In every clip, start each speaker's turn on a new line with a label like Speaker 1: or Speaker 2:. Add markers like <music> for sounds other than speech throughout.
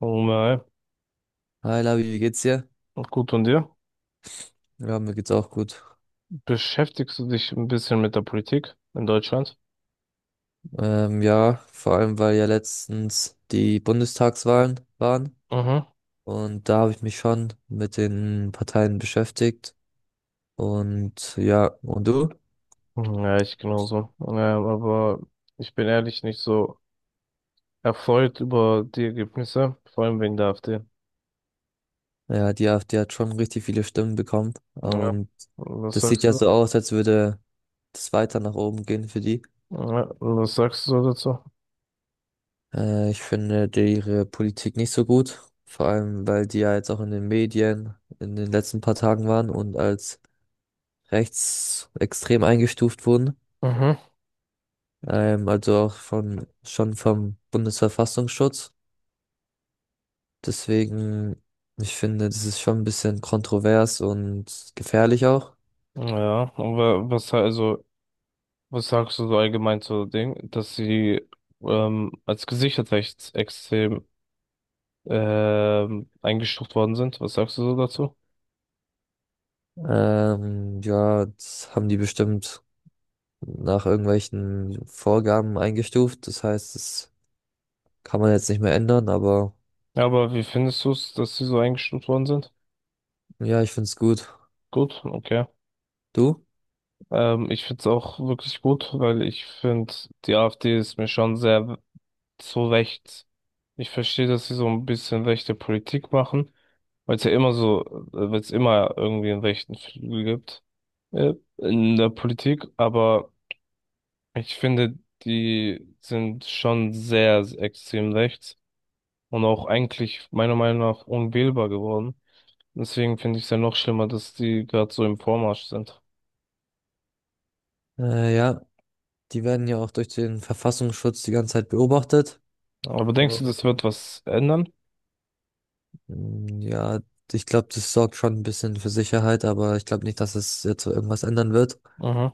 Speaker 1: Mal.
Speaker 2: Hi Labi, wie geht's dir?
Speaker 1: Gut, und dir?
Speaker 2: Ja, mir geht's auch gut.
Speaker 1: Beschäftigst du dich ein bisschen mit der Politik in Deutschland?
Speaker 2: Ja, vor allem weil ja letztens die Bundestagswahlen waren
Speaker 1: Mhm.
Speaker 2: und da habe ich mich schon mit den Parteien beschäftigt. Und ja, und du?
Speaker 1: Ja, ich genauso. Aber ich bin ehrlich nicht so erfreut über die Ergebnisse, vor allem wegen der AfD.
Speaker 2: Ja, die AfD hat schon richtig viele Stimmen bekommen
Speaker 1: Ja.
Speaker 2: und
Speaker 1: Was
Speaker 2: das sieht
Speaker 1: sagst
Speaker 2: ja
Speaker 1: du?
Speaker 2: so aus, als würde das weiter nach oben gehen für die.
Speaker 1: Ja, was sagst du dazu?
Speaker 2: Ich finde ihre Politik nicht so gut, vor allem weil die ja jetzt auch in den Medien in den letzten paar Tagen waren und als rechtsextrem eingestuft wurden.
Speaker 1: Mhm.
Speaker 2: Also auch von, schon vom Bundesverfassungsschutz. Deswegen, ich finde, das ist schon ein bisschen kontrovers und gefährlich auch.
Speaker 1: Ja, aber was also, was sagst du so allgemein zu dem, dass sie als gesichert rechtsextrem eingestuft worden sind? Was sagst du so dazu?
Speaker 2: Ja, das haben die bestimmt nach irgendwelchen Vorgaben eingestuft. Das heißt, das kann man jetzt nicht mehr ändern, aber
Speaker 1: Ja, aber wie findest du es, dass sie so eingestuft worden sind?
Speaker 2: ja, ich finde es gut.
Speaker 1: Gut, okay.
Speaker 2: Du?
Speaker 1: Ich finde es auch wirklich gut, weil ich finde, die AfD ist mir schon sehr zu rechts. Ich verstehe, dass sie so ein bisschen rechte Politik machen, weil es ja immer so, weil es immer irgendwie einen rechten Flügel gibt, in der Politik, aber ich finde, die sind schon sehr extrem rechts und auch eigentlich meiner Meinung nach unwählbar geworden. Deswegen finde ich es ja noch schlimmer, dass die gerade so im Vormarsch sind.
Speaker 2: Ja, die werden ja auch durch den Verfassungsschutz die ganze Zeit beobachtet.
Speaker 1: Aber denkst du, das wird was ändern?
Speaker 2: Ja, ich glaube, das sorgt schon ein bisschen für Sicherheit, aber ich glaube nicht, dass es jetzt so irgendwas ändern wird.
Speaker 1: Mhm.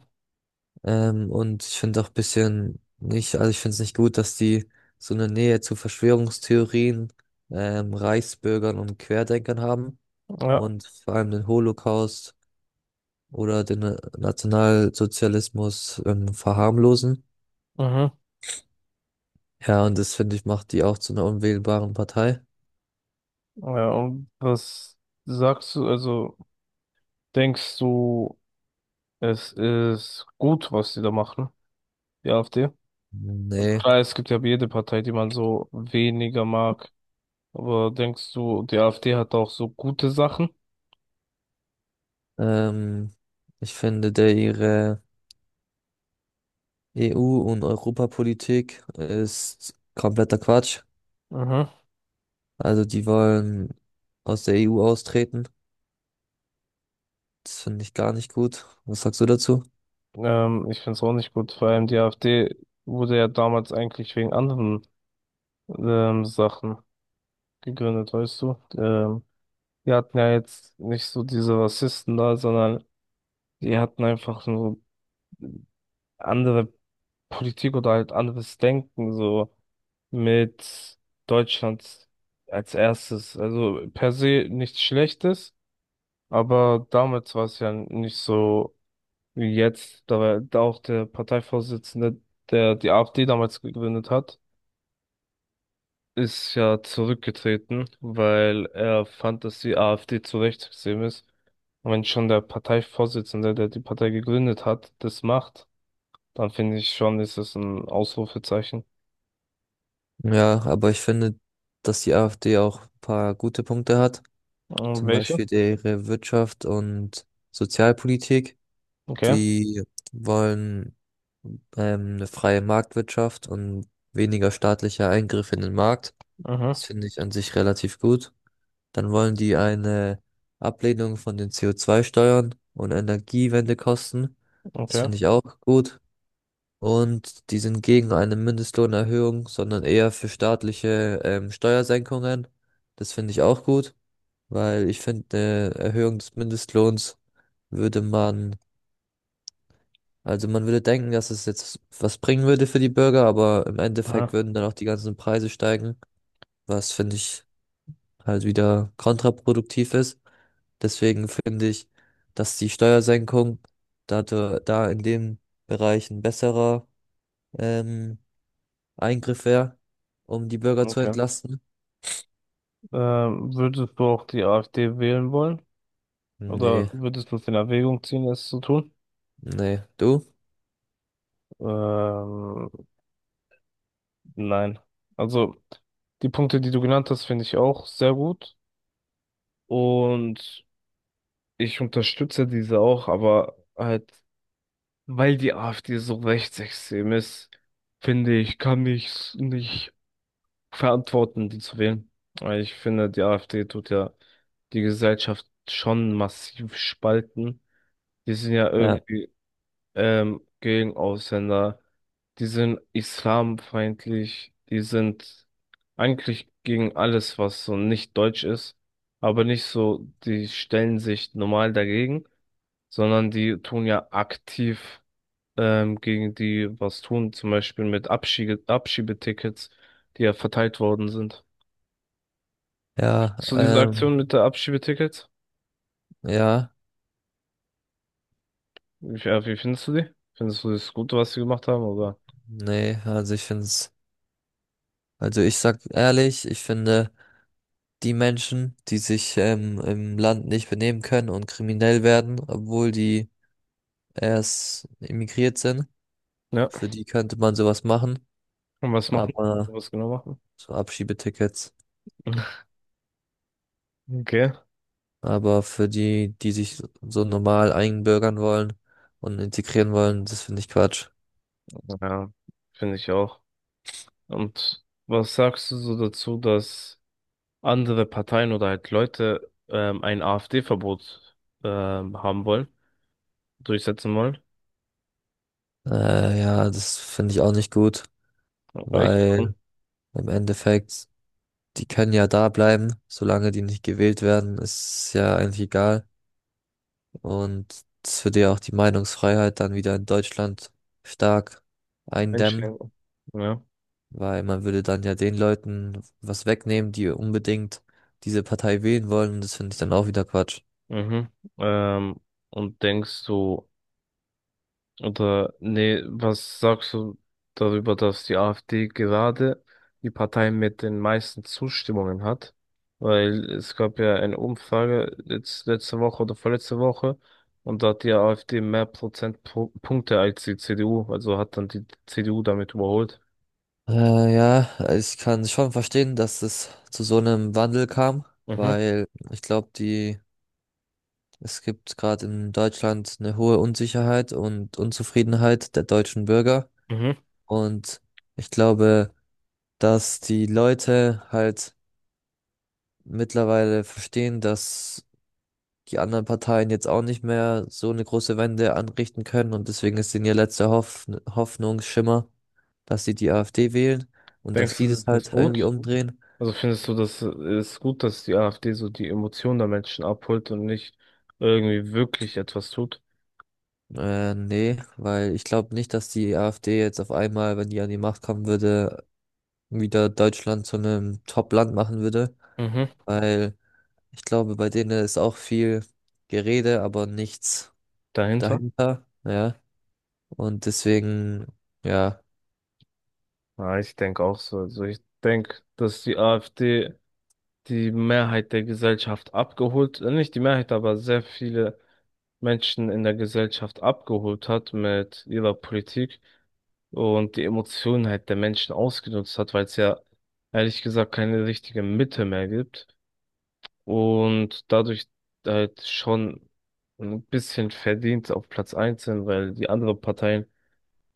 Speaker 2: Und ich finde auch ein bisschen nicht, also ich finde es nicht gut, dass die so eine Nähe zu Verschwörungstheorien, Reichsbürgern und Querdenkern haben
Speaker 1: Ja.
Speaker 2: und vor allem den Holocaust oder den Nationalsozialismus, verharmlosen.
Speaker 1: Mhm.
Speaker 2: Ja, und das finde ich macht die auch zu einer unwählbaren Partei.
Speaker 1: Ja, und was sagst du, also denkst du, es ist gut, was die da machen, die AfD?
Speaker 2: Nee,
Speaker 1: Klar, es gibt ja jede Partei, die man so weniger mag. Aber denkst du, die AfD hat auch so gute Sachen?
Speaker 2: ähm, ich finde, der ihre EU- und Europapolitik ist kompletter Quatsch.
Speaker 1: Mhm.
Speaker 2: Also die wollen aus der EU austreten. Das finde ich gar nicht gut. Was sagst du dazu?
Speaker 1: Ich finde es auch nicht gut. Vor allem die AfD wurde ja damals eigentlich wegen anderen Sachen gegründet, weißt du? Die hatten ja jetzt nicht so diese Rassisten da, sondern die hatten einfach so andere Politik oder halt anderes Denken, so mit Deutschland als erstes. Also per se nichts Schlechtes, aber damals war es ja nicht so wie jetzt. Da war da auch der Parteivorsitzende, der die AfD damals gegründet hat, ist ja zurückgetreten, weil er fand, dass die AfD zu rechtsextrem ist. Und wenn schon der Parteivorsitzende, der die Partei gegründet hat, das macht, dann finde ich schon, ist es ein Ausrufezeichen.
Speaker 2: Ja, aber ich finde, dass die AfD auch ein paar gute Punkte hat.
Speaker 1: Und
Speaker 2: Zum
Speaker 1: welche?
Speaker 2: Beispiel ihre Wirtschaft und Sozialpolitik.
Speaker 1: Okay.
Speaker 2: Die wollen eine freie Marktwirtschaft und weniger staatlicher Eingriff in den Markt.
Speaker 1: Mhm.
Speaker 2: Das finde ich an sich relativ gut. Dann wollen die eine Ablehnung von den CO2-Steuern und Energiewende kosten. Das
Speaker 1: Okay.
Speaker 2: finde ich auch gut. Und die sind gegen eine Mindestlohnerhöhung, sondern eher für staatliche Steuersenkungen. Das finde ich auch gut, weil ich finde, eine Erhöhung des Mindestlohns würde man, also man würde denken, dass es jetzt was bringen würde für die Bürger, aber im Endeffekt
Speaker 1: Aha.
Speaker 2: würden dann auch die ganzen Preise steigen, was finde ich halt wieder kontraproduktiv ist. Deswegen finde ich, dass die Steuersenkung da in dem Bereich ein besserer ähm, Eingriff wäre, um die Bürger zu
Speaker 1: Okay.
Speaker 2: entlasten.
Speaker 1: Würdest du auch die AfD wählen wollen? Oder
Speaker 2: Nee,
Speaker 1: würdest du es in Erwägung ziehen, es zu tun?
Speaker 2: nee, du?
Speaker 1: Ähm, nein. Also, die Punkte, die du genannt hast, finde ich auch sehr gut. Und ich unterstütze diese auch, aber halt, weil die AfD so rechtsextrem ist, finde ich, kann ich es nicht verantworten, die zu wählen. Weil ich finde, die AfD tut ja die Gesellschaft schon massiv spalten. Die sind ja
Speaker 2: Ja,
Speaker 1: irgendwie gegen Ausländer, die sind islamfeindlich, die sind eigentlich gegen alles, was so nicht deutsch ist, aber nicht so, die stellen sich normal dagegen sondern die tun ja aktiv gegen die was tun, zum Beispiel mit Abschiebetickets, die ja verteilt worden sind.
Speaker 2: ja,
Speaker 1: So diese Aktion mit der Abschiebetickets,
Speaker 2: ja,
Speaker 1: wie findest du die? Findest du das Gute, was sie gemacht haben, oder?
Speaker 2: nee, also ich finde es, also ich sag ehrlich, ich finde die Menschen, die sich im Land nicht benehmen können und kriminell werden, obwohl die erst emigriert sind,
Speaker 1: Ja,
Speaker 2: für die könnte man sowas machen,
Speaker 1: und was machen?
Speaker 2: aber
Speaker 1: Was genau machen?
Speaker 2: so Abschiebetickets.
Speaker 1: <laughs> Okay,
Speaker 2: Aber für die, die sich so normal einbürgern wollen und integrieren wollen, das finde ich Quatsch.
Speaker 1: ja, finde ich auch. Und was sagst du so dazu, dass andere Parteien oder halt Leute ein AfD-Verbot haben wollen, durchsetzen wollen?
Speaker 2: Ja, das finde ich auch nicht gut,
Speaker 1: Ja, echt?
Speaker 2: weil im Endeffekt, die können ja da bleiben, solange die nicht gewählt werden, ist ja eigentlich egal. Und das würde ja auch die Meinungsfreiheit dann wieder in Deutschland stark eindämmen.
Speaker 1: Einschränken. Ja.
Speaker 2: Weil man würde dann ja den Leuten was wegnehmen, die unbedingt diese Partei wählen wollen. Und das finde ich dann auch wieder Quatsch.
Speaker 1: Mhm. Ähm, und denkst du, oder nee, was sagst du darüber, dass die AfD gerade die Partei mit den meisten Zustimmungen hat? Weil es gab ja eine Umfrage letzte Woche oder vorletzte Woche und da hat die AfD mehr Prozentpunkte als die CDU, also hat dann die CDU damit überholt.
Speaker 2: Ja, ich kann schon verstehen, dass es zu so einem Wandel kam,
Speaker 1: Mhm.
Speaker 2: weil ich glaube, die, es gibt gerade in Deutschland eine hohe Unsicherheit und Unzufriedenheit der deutschen Bürger.
Speaker 1: Mhm.
Speaker 2: Und ich glaube, dass die Leute halt mittlerweile verstehen, dass die anderen Parteien jetzt auch nicht mehr so eine große Wende anrichten können und deswegen ist denn ihr letzter Hoffnungsschimmer, dass sie die AfD wählen und dass
Speaker 1: Denkst
Speaker 2: die
Speaker 1: du, das
Speaker 2: das
Speaker 1: ist
Speaker 2: halt irgendwie
Speaker 1: gut?
Speaker 2: umdrehen.
Speaker 1: Also findest du, das ist gut, dass die AfD so die Emotionen der Menschen abholt und nicht irgendwie wirklich etwas tut?
Speaker 2: Nee, weil ich glaube nicht, dass die AfD jetzt auf einmal, wenn die an die Macht kommen würde, wieder Deutschland zu einem Top-Land machen würde,
Speaker 1: Mhm.
Speaker 2: weil ich glaube, bei denen ist auch viel Gerede, aber nichts
Speaker 1: Dahinter?
Speaker 2: dahinter, ja, und deswegen, ja.
Speaker 1: Ja, ich denke auch so. Also ich denke, dass die AfD die Mehrheit der Gesellschaft abgeholt, nicht die Mehrheit, aber sehr viele Menschen in der Gesellschaft abgeholt hat mit ihrer Politik und die Emotionen halt der Menschen ausgenutzt hat, weil es ja ehrlich gesagt keine richtige Mitte mehr gibt. Und dadurch halt schon ein bisschen verdient auf Platz 1 sind, weil die anderen Parteien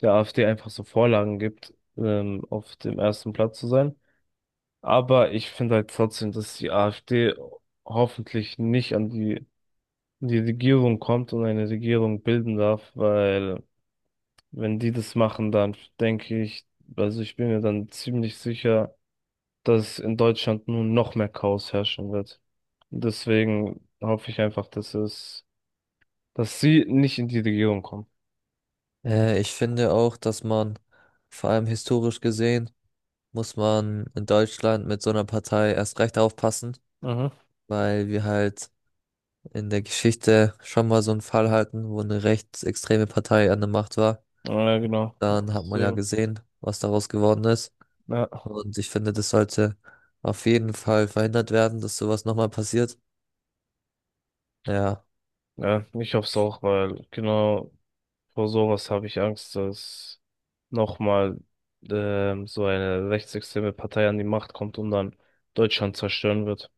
Speaker 1: der AfD einfach so Vorlagen gibt, auf dem ersten Platz zu sein. Aber ich finde halt trotzdem, dass die AfD hoffentlich nicht an die, in die Regierung kommt und eine Regierung bilden darf, weil wenn die das machen, dann denke ich, also ich bin mir dann ziemlich sicher, dass in Deutschland nun noch mehr Chaos herrschen wird. Deswegen hoffe ich einfach, dass es, dass sie nicht in die Regierung kommen.
Speaker 2: Ich finde auch, dass man, vor allem historisch gesehen, muss man in Deutschland mit so einer Partei erst recht aufpassen,
Speaker 1: Mhm.
Speaker 2: weil wir halt in der Geschichte schon mal so einen Fall hatten, wo eine rechtsextreme Partei an der Macht war.
Speaker 1: Ja, genau.
Speaker 2: Dann hat man ja
Speaker 1: Deswegen,
Speaker 2: gesehen, was daraus geworden ist.
Speaker 1: ja,
Speaker 2: Und ich finde, das sollte auf jeden Fall verhindert werden, dass sowas nochmal passiert. Ja,
Speaker 1: ja, ich hoffe es auch, weil genau vor sowas habe ich Angst, dass nochmal so eine rechtsextreme Partei an die Macht kommt und dann Deutschland zerstören wird.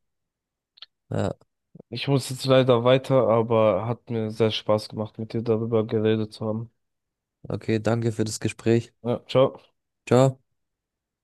Speaker 2: ja,
Speaker 1: Ich muss jetzt leider weiter, aber hat mir sehr Spaß gemacht, mit dir darüber geredet zu haben.
Speaker 2: okay, danke für das Gespräch.
Speaker 1: Ja, ciao.
Speaker 2: Ciao.